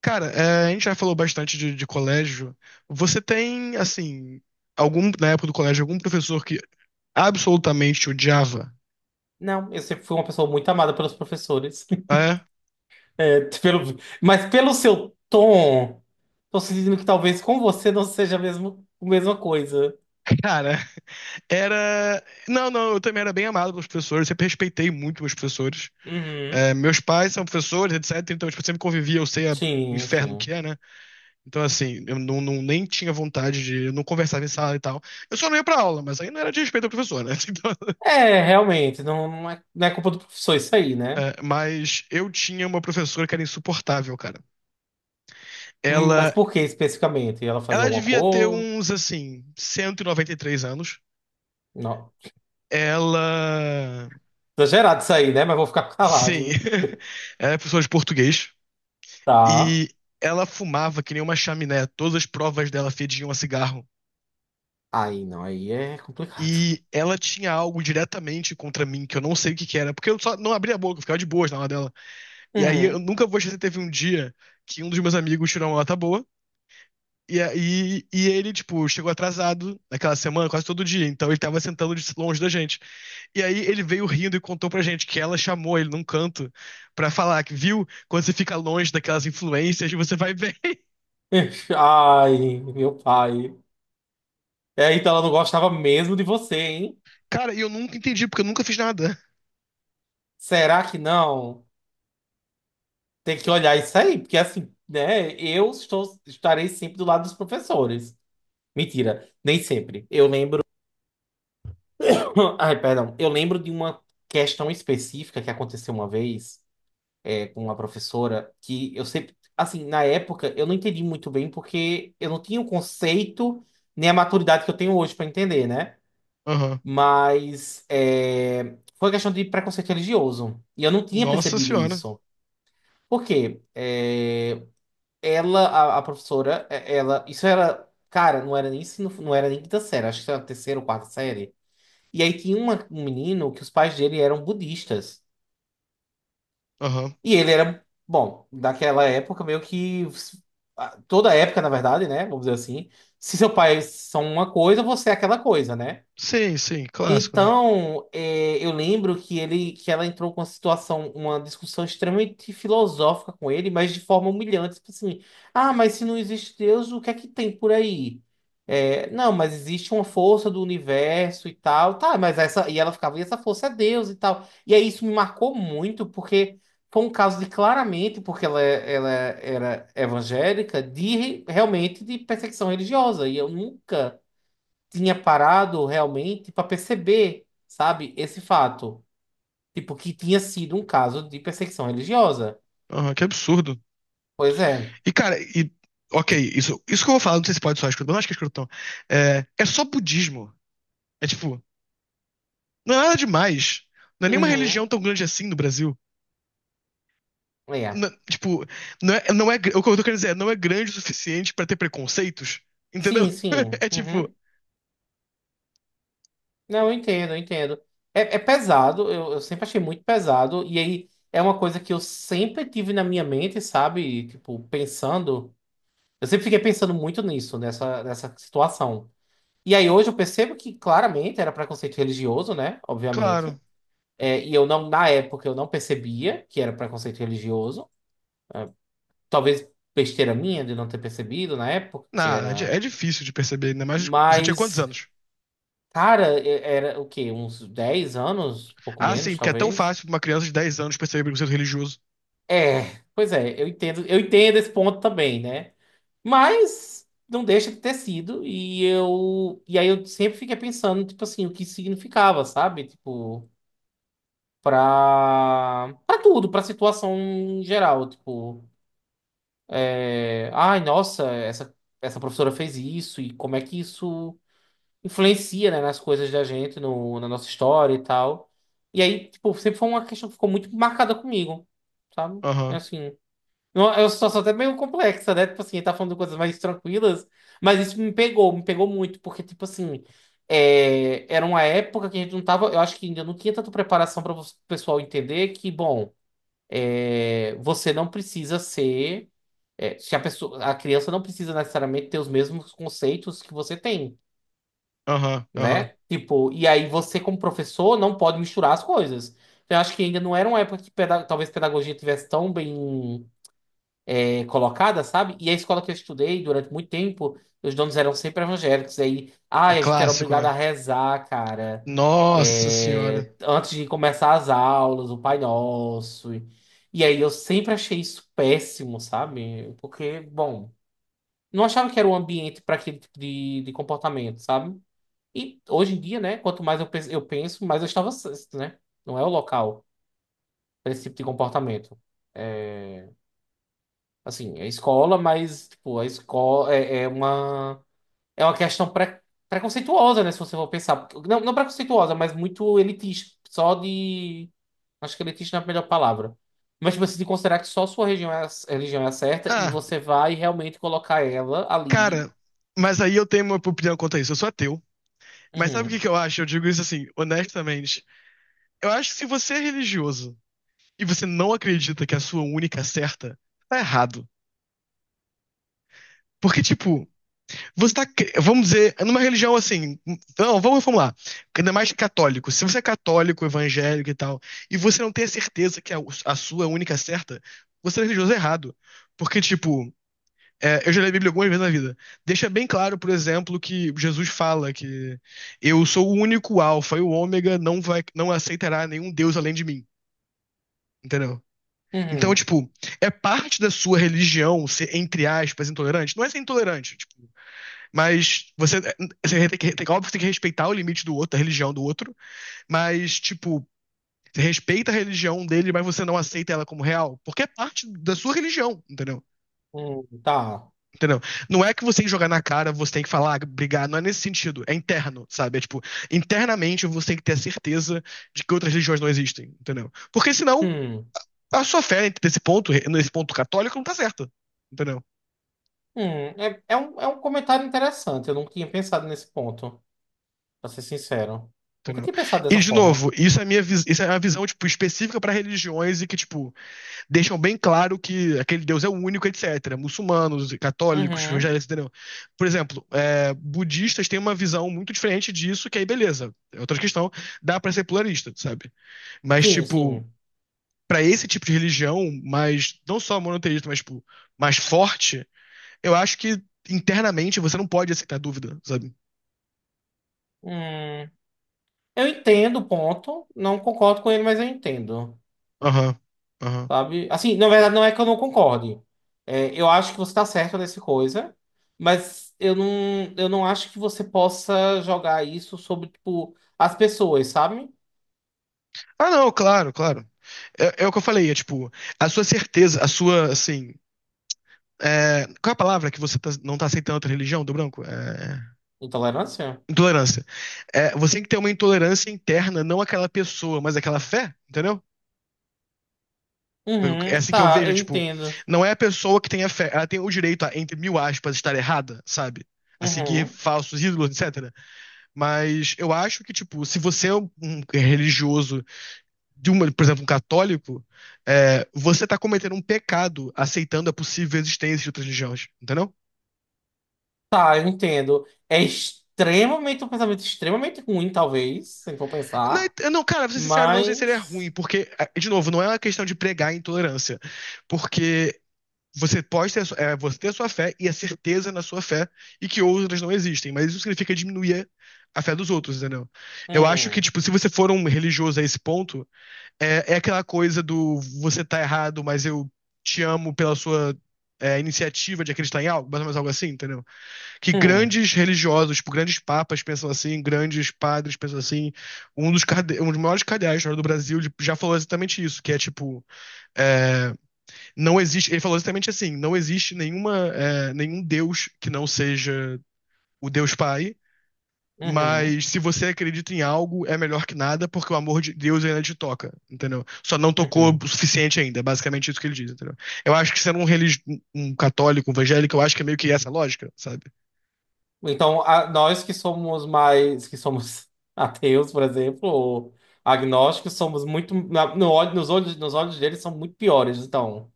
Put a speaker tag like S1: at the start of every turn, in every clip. S1: Cara, a gente já falou bastante de colégio. Você tem, assim, algum, na época do colégio, algum professor que absolutamente te odiava?
S2: Não, eu sempre fui uma pessoa muito amada pelos professores.
S1: É,
S2: É, pelo, mas pelo seu tom, tô sentindo que talvez com você não seja a mesma coisa.
S1: cara, era. Não, não, eu também era bem amado pelos professores, sempre respeitei muito meus professores.
S2: Uhum.
S1: É, meus pais são professores, etc. Então, tipo, eu sempre convivia, eu sei a- o
S2: Sim,
S1: inferno que
S2: sim.
S1: é, né? Então, assim, eu não, não- nem tinha vontade de. Eu não conversava em sala e tal. Eu só não ia pra aula, mas aí não era de respeito ao professor, né? Então,
S2: Realmente, não é culpa do professor isso aí, né?
S1: é, mas eu tinha uma professora que era insuportável, cara.
S2: Mas
S1: Ela
S2: por que especificamente? Ela fazia
S1: Ela
S2: alguma
S1: devia ter
S2: coisa?
S1: uns, assim, 193 anos.
S2: Não.
S1: Ela.
S2: Exagerado isso aí, né? Mas vou ficar
S1: Sim.
S2: calado.
S1: Ela é professora de português.
S2: Tá.
S1: E ela fumava que nem uma chaminé. Todas as provas dela fediam a cigarro.
S2: Aí não, aí é complicado.
S1: E ela tinha algo diretamente contra mim, que eu não sei o que que era, porque eu só não abria a boca, eu ficava de boas na aula dela. E aí eu
S2: Uhum.
S1: nunca vou esquecer, teve um dia que um dos meus amigos tirou uma nota boa, e aí ele, tipo, chegou atrasado naquela semana, quase todo dia, então ele tava sentando de longe da gente. E aí ele veio rindo e contou pra gente que ela chamou ele num canto pra falar que, viu, quando você fica longe daquelas influências, você vai bem.
S2: Ai, meu pai. É, então ela não gostava mesmo de você, hein?
S1: Cara, e eu nunca entendi, porque eu nunca fiz nada.
S2: Será que não? Tem que olhar isso aí, porque assim, né? Estarei sempre do lado dos professores. Mentira, nem sempre. Eu lembro. Ai, perdão. Eu lembro de uma questão específica que aconteceu uma vez com uma professora que eu sempre. Assim, na época, eu não entendi muito bem porque eu não tinha o conceito nem a maturidade que eu tenho hoje para entender, né?
S1: Aham.
S2: Mas é, foi questão de preconceito religioso. E eu não tinha
S1: Nossa
S2: percebido
S1: senhora.
S2: isso. Por quê? Ela, a professora, isso era, cara, não era nem ensino, não era nem quinta série, acho que era terceira ou quarta série. E aí tinha um menino que os pais dele eram budistas.
S1: Aham.
S2: E ele era, bom, daquela época meio que ah, toda época, na verdade, né? Vamos dizer assim, se seu são uma coisa, você é aquela coisa, né?
S1: Sim, sim, clássico, né?
S2: Então, é, eu lembro que ela entrou com uma situação, uma discussão extremamente filosófica com ele, mas de forma humilhante, tipo assim, ah, mas se não existe Deus, o que é que tem por aí? É, não, mas existe uma força do universo e tal, tá, mas essa, e ela ficava, e essa força é Deus e tal. E aí isso me marcou muito, porque foi um caso de claramente, porque ela era evangélica, de realmente de perseguição religiosa, e eu nunca tinha parado realmente para perceber, sabe, esse fato. Tipo, que tinha sido um caso de perseguição religiosa.
S1: Aham, que absurdo.
S2: Pois é.
S1: E, cara, e. Ok, isso que eu vou falar, não sei se pode soar escrotão, não acho que é escrotão. É só budismo. É tipo, não é nada demais. Não é nenhuma religião
S2: Uhum.
S1: tão grande assim no Brasil.
S2: É.
S1: Não- tipo, não é, não é, gr- o que eu tô querendo dizer é, não é grande o suficiente pra ter preconceitos, entendeu?
S2: Sim, sim.
S1: É tipo,
S2: Uhum. Não, eu entendo, eu entendo. É, é pesado, eu sempre achei muito pesado. E aí é uma coisa que eu sempre tive na minha mente, sabe? Tipo, pensando. Eu sempre fiquei pensando muito nessa situação. E aí hoje eu percebo que claramente era preconceito religioso, né? Obviamente.
S1: claro.
S2: É, e eu não, na época, eu não percebia que era preconceito religioso. Talvez besteira minha de não ter percebido na época que
S1: Não, é, di-
S2: era.
S1: é difícil de perceber, ainda mais você tinha quantos
S2: Mas,
S1: anos?
S2: cara, era o quê? Uns 10 anos, pouco
S1: Ah, sim,
S2: menos,
S1: porque é tão
S2: talvez.
S1: fácil pra uma criança de 10 anos perceber preconceito religioso.
S2: É, pois é, eu entendo esse ponto também, né? Mas não deixa de ter sido. E aí eu sempre fiquei pensando, tipo assim, o que isso significava, sabe? Tipo, pra tudo, pra situação em geral, tipo. É, ai, nossa, essa professora fez isso e como é que isso influencia, né, nas coisas da gente, no, na nossa história e tal. E aí, tipo, sempre foi uma questão que ficou muito marcada comigo, sabe? É,
S1: Aham,
S2: assim, é uma situação até meio complexa, né? Tipo assim, tá falando de coisas mais tranquilas, mas isso me pegou muito, porque, tipo assim, é, era uma época que a gente não tava, eu acho que ainda não tinha tanta preparação para o pessoal entender que, bom, é, você não precisa ser. É, se a pessoa, a criança não precisa necessariamente ter os mesmos conceitos que você tem,
S1: aham.
S2: né? Tipo, e aí você, como professor, não pode misturar as coisas. Eu acho que ainda não era uma época que talvez pedagogia tivesse tão bem colocada, sabe? E a escola que eu estudei durante muito tempo, os donos eram sempre evangélicos. E aí,
S1: É
S2: ai, a gente era
S1: clássico,
S2: obrigado a
S1: né?
S2: rezar, cara.
S1: Nossa senhora.
S2: É, antes de começar as aulas, o Pai Nosso. E aí eu sempre achei isso péssimo, sabe? Porque, bom, não achava que era o ambiente para aquele tipo de comportamento, sabe? E hoje em dia, né, quanto mais eu penso, mais eu estava, certo, né? Não é o local para esse tipo de comportamento. É, assim, é escola, mas tipo, é uma questão preconceituosa, né, se você for pensar. Porque- não, não preconceituosa, mas muito elitista, só de acho que elitista não é a melhor palavra. Mas tipo, você tem que considerar que só a sua religião é a certa e
S1: Ah,
S2: você vai realmente colocar ela ali.
S1: cara, mas aí eu tenho uma opinião quanto a isso. Eu sou ateu. Mas sabe o que
S2: Uhum.
S1: que eu acho? Eu digo isso assim, honestamente. Eu acho que se você é religioso e você não acredita que a sua única certa, tá errado. Porque, tipo, Vamos dizer, numa religião assim. Não, vamos reformular. Ainda mais católico. Se você é católico, evangélico e tal, e você não tem a certeza que a sua única certa, você é religioso errado. Porque, tipo, é, eu já li a Bíblia algumas vezes na vida. Deixa bem claro, por exemplo, que Jesus fala que eu sou o único alfa e o ômega, não aceitará nenhum Deus além de mim. Entendeu? Então,
S2: Uhum.
S1: tipo, é parte da sua religião ser, entre aspas, intolerante? Não é ser intolerante, tipo, mas você tem que, óbvio, que tem que respeitar o limite do outro, a religião do outro, mas, tipo, você respeita a religião dele, mas você não aceita ela como real, porque é parte da sua religião, entendeu?
S2: Tá.
S1: Entendeu? Não é que você tem que jogar na cara, você tem que falar, "Ah, brigar, não é nesse sentido, é interno, sabe? É tipo, internamente você tem que ter a certeza de que outras religiões não existem, entendeu? Porque senão
S2: Hum,
S1: a sua fé nesse ponto católico, não tá certa, entendeu?
S2: hum, é, é um comentário interessante. Eu nunca tinha pensado nesse ponto, pra ser sincero. Nunca
S1: Entendeu?
S2: tinha pensado
S1: E,
S2: dessa
S1: de
S2: forma.
S1: novo, isso é a visão tipo, específica para religiões e que tipo, deixam bem claro que aquele Deus é o único, etc. Muçulmanos, católicos,
S2: Uhum.
S1: evangélicos, entendeu? Por exemplo, é, budistas têm uma visão muito diferente disso, que aí beleza, é outra questão, dá para ser pluralista, sabe? Mas,
S2: Sim,
S1: tipo,
S2: sim.
S1: para esse tipo de religião, mas não só monoteísta, mas tipo, mais forte, eu acho que internamente você não pode aceitar dúvida, sabe?
S2: Hum, eu entendo o ponto. Não concordo com ele, mas eu entendo.
S1: Aham, aham.
S2: Sabe? Assim, na verdade, não é que eu não concorde. É, eu acho que você tá certo nessa coisa, mas eu não acho que você possa jogar isso sobre, tipo, as pessoas, sabe?
S1: Ah, não, claro. É, é o que eu falei, é tipo, a sua, assim. É, qual é a palavra que não tá aceitando outra religião do branco? É,
S2: Intolerância?
S1: intolerância. É, você tem que ter uma intolerância interna, não aquela pessoa, mas aquela fé, entendeu? É
S2: Uhum,
S1: assim que eu
S2: tá,
S1: vejo, é
S2: eu
S1: tipo,
S2: entendo.
S1: não é a pessoa que tem a fé, ela tem o direito a, entre mil aspas, estar errada, sabe? A seguir
S2: Uhum.
S1: falsos ídolos, etc. Mas eu acho que, tipo, se você é um religioso de uma, por exemplo, um católico, é, você tá cometendo um pecado aceitando a possível existência de outras religiões, entendeu?
S2: Tá, eu entendo. É extremamente um pensamento extremamente ruim, talvez, se for pensar.
S1: Não, não, cara, pra ser sincero, não sei se ele é
S2: Mas.
S1: ruim, porque, é, de novo, não é uma questão de pregar intolerância, porque você ter a sua fé e a certeza na sua fé e que outras não existem, mas isso significa diminuir a fé dos outros, entendeu? Eu acho que,
S2: Hum,
S1: tipo, se você for um religioso a esse ponto, É, é aquela coisa do você tá errado, mas eu te amo pela sua é, iniciativa de acreditar em algo, mais ou menos algo assim, entendeu? Que
S2: hum,
S1: grandes religiosos, tipo, grandes papas pensam assim, grandes padres pensam assim. Um dos maiores cardeais da história do Brasil ele já falou exatamente isso, que é tipo, é, não existe, ele falou exatamente assim, não existe nenhuma, é, nenhum Deus que não seja o Deus Pai
S2: uhum,
S1: mas se você acredita em algo, é melhor que nada, porque o amor de Deus ainda te toca, entendeu? Só não tocou o
S2: uhum.
S1: suficiente ainda, é basicamente isso que ele diz, entendeu? Eu acho que sendo um um católico, um evangélico, eu acho que é meio que essa lógica, sabe?
S2: Então, nós que somos mais. Que somos ateus, por exemplo, ou agnósticos, somos muito. Na- no olho- nos olhos deles são muito piores, então.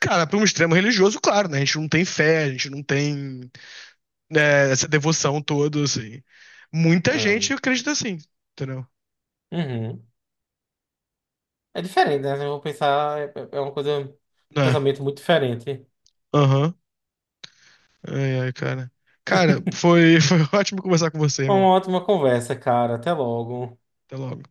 S1: Cara, para um extremo religioso, claro, né? A gente não tem fé, a gente não tem, né, essa devoção toda, assim. Muita gente
S2: Hum,
S1: acredita assim, entendeu?
S2: uhum. É diferente, né? Eu vou pensar. É uma coisa. Um
S1: É.
S2: pensamento muito diferente.
S1: Aham. Ai, ai, cara. Cara, foi, foi ótimo conversar com você,
S2: Uma
S1: irmão.
S2: ótima conversa, cara. Até logo.
S1: Até logo.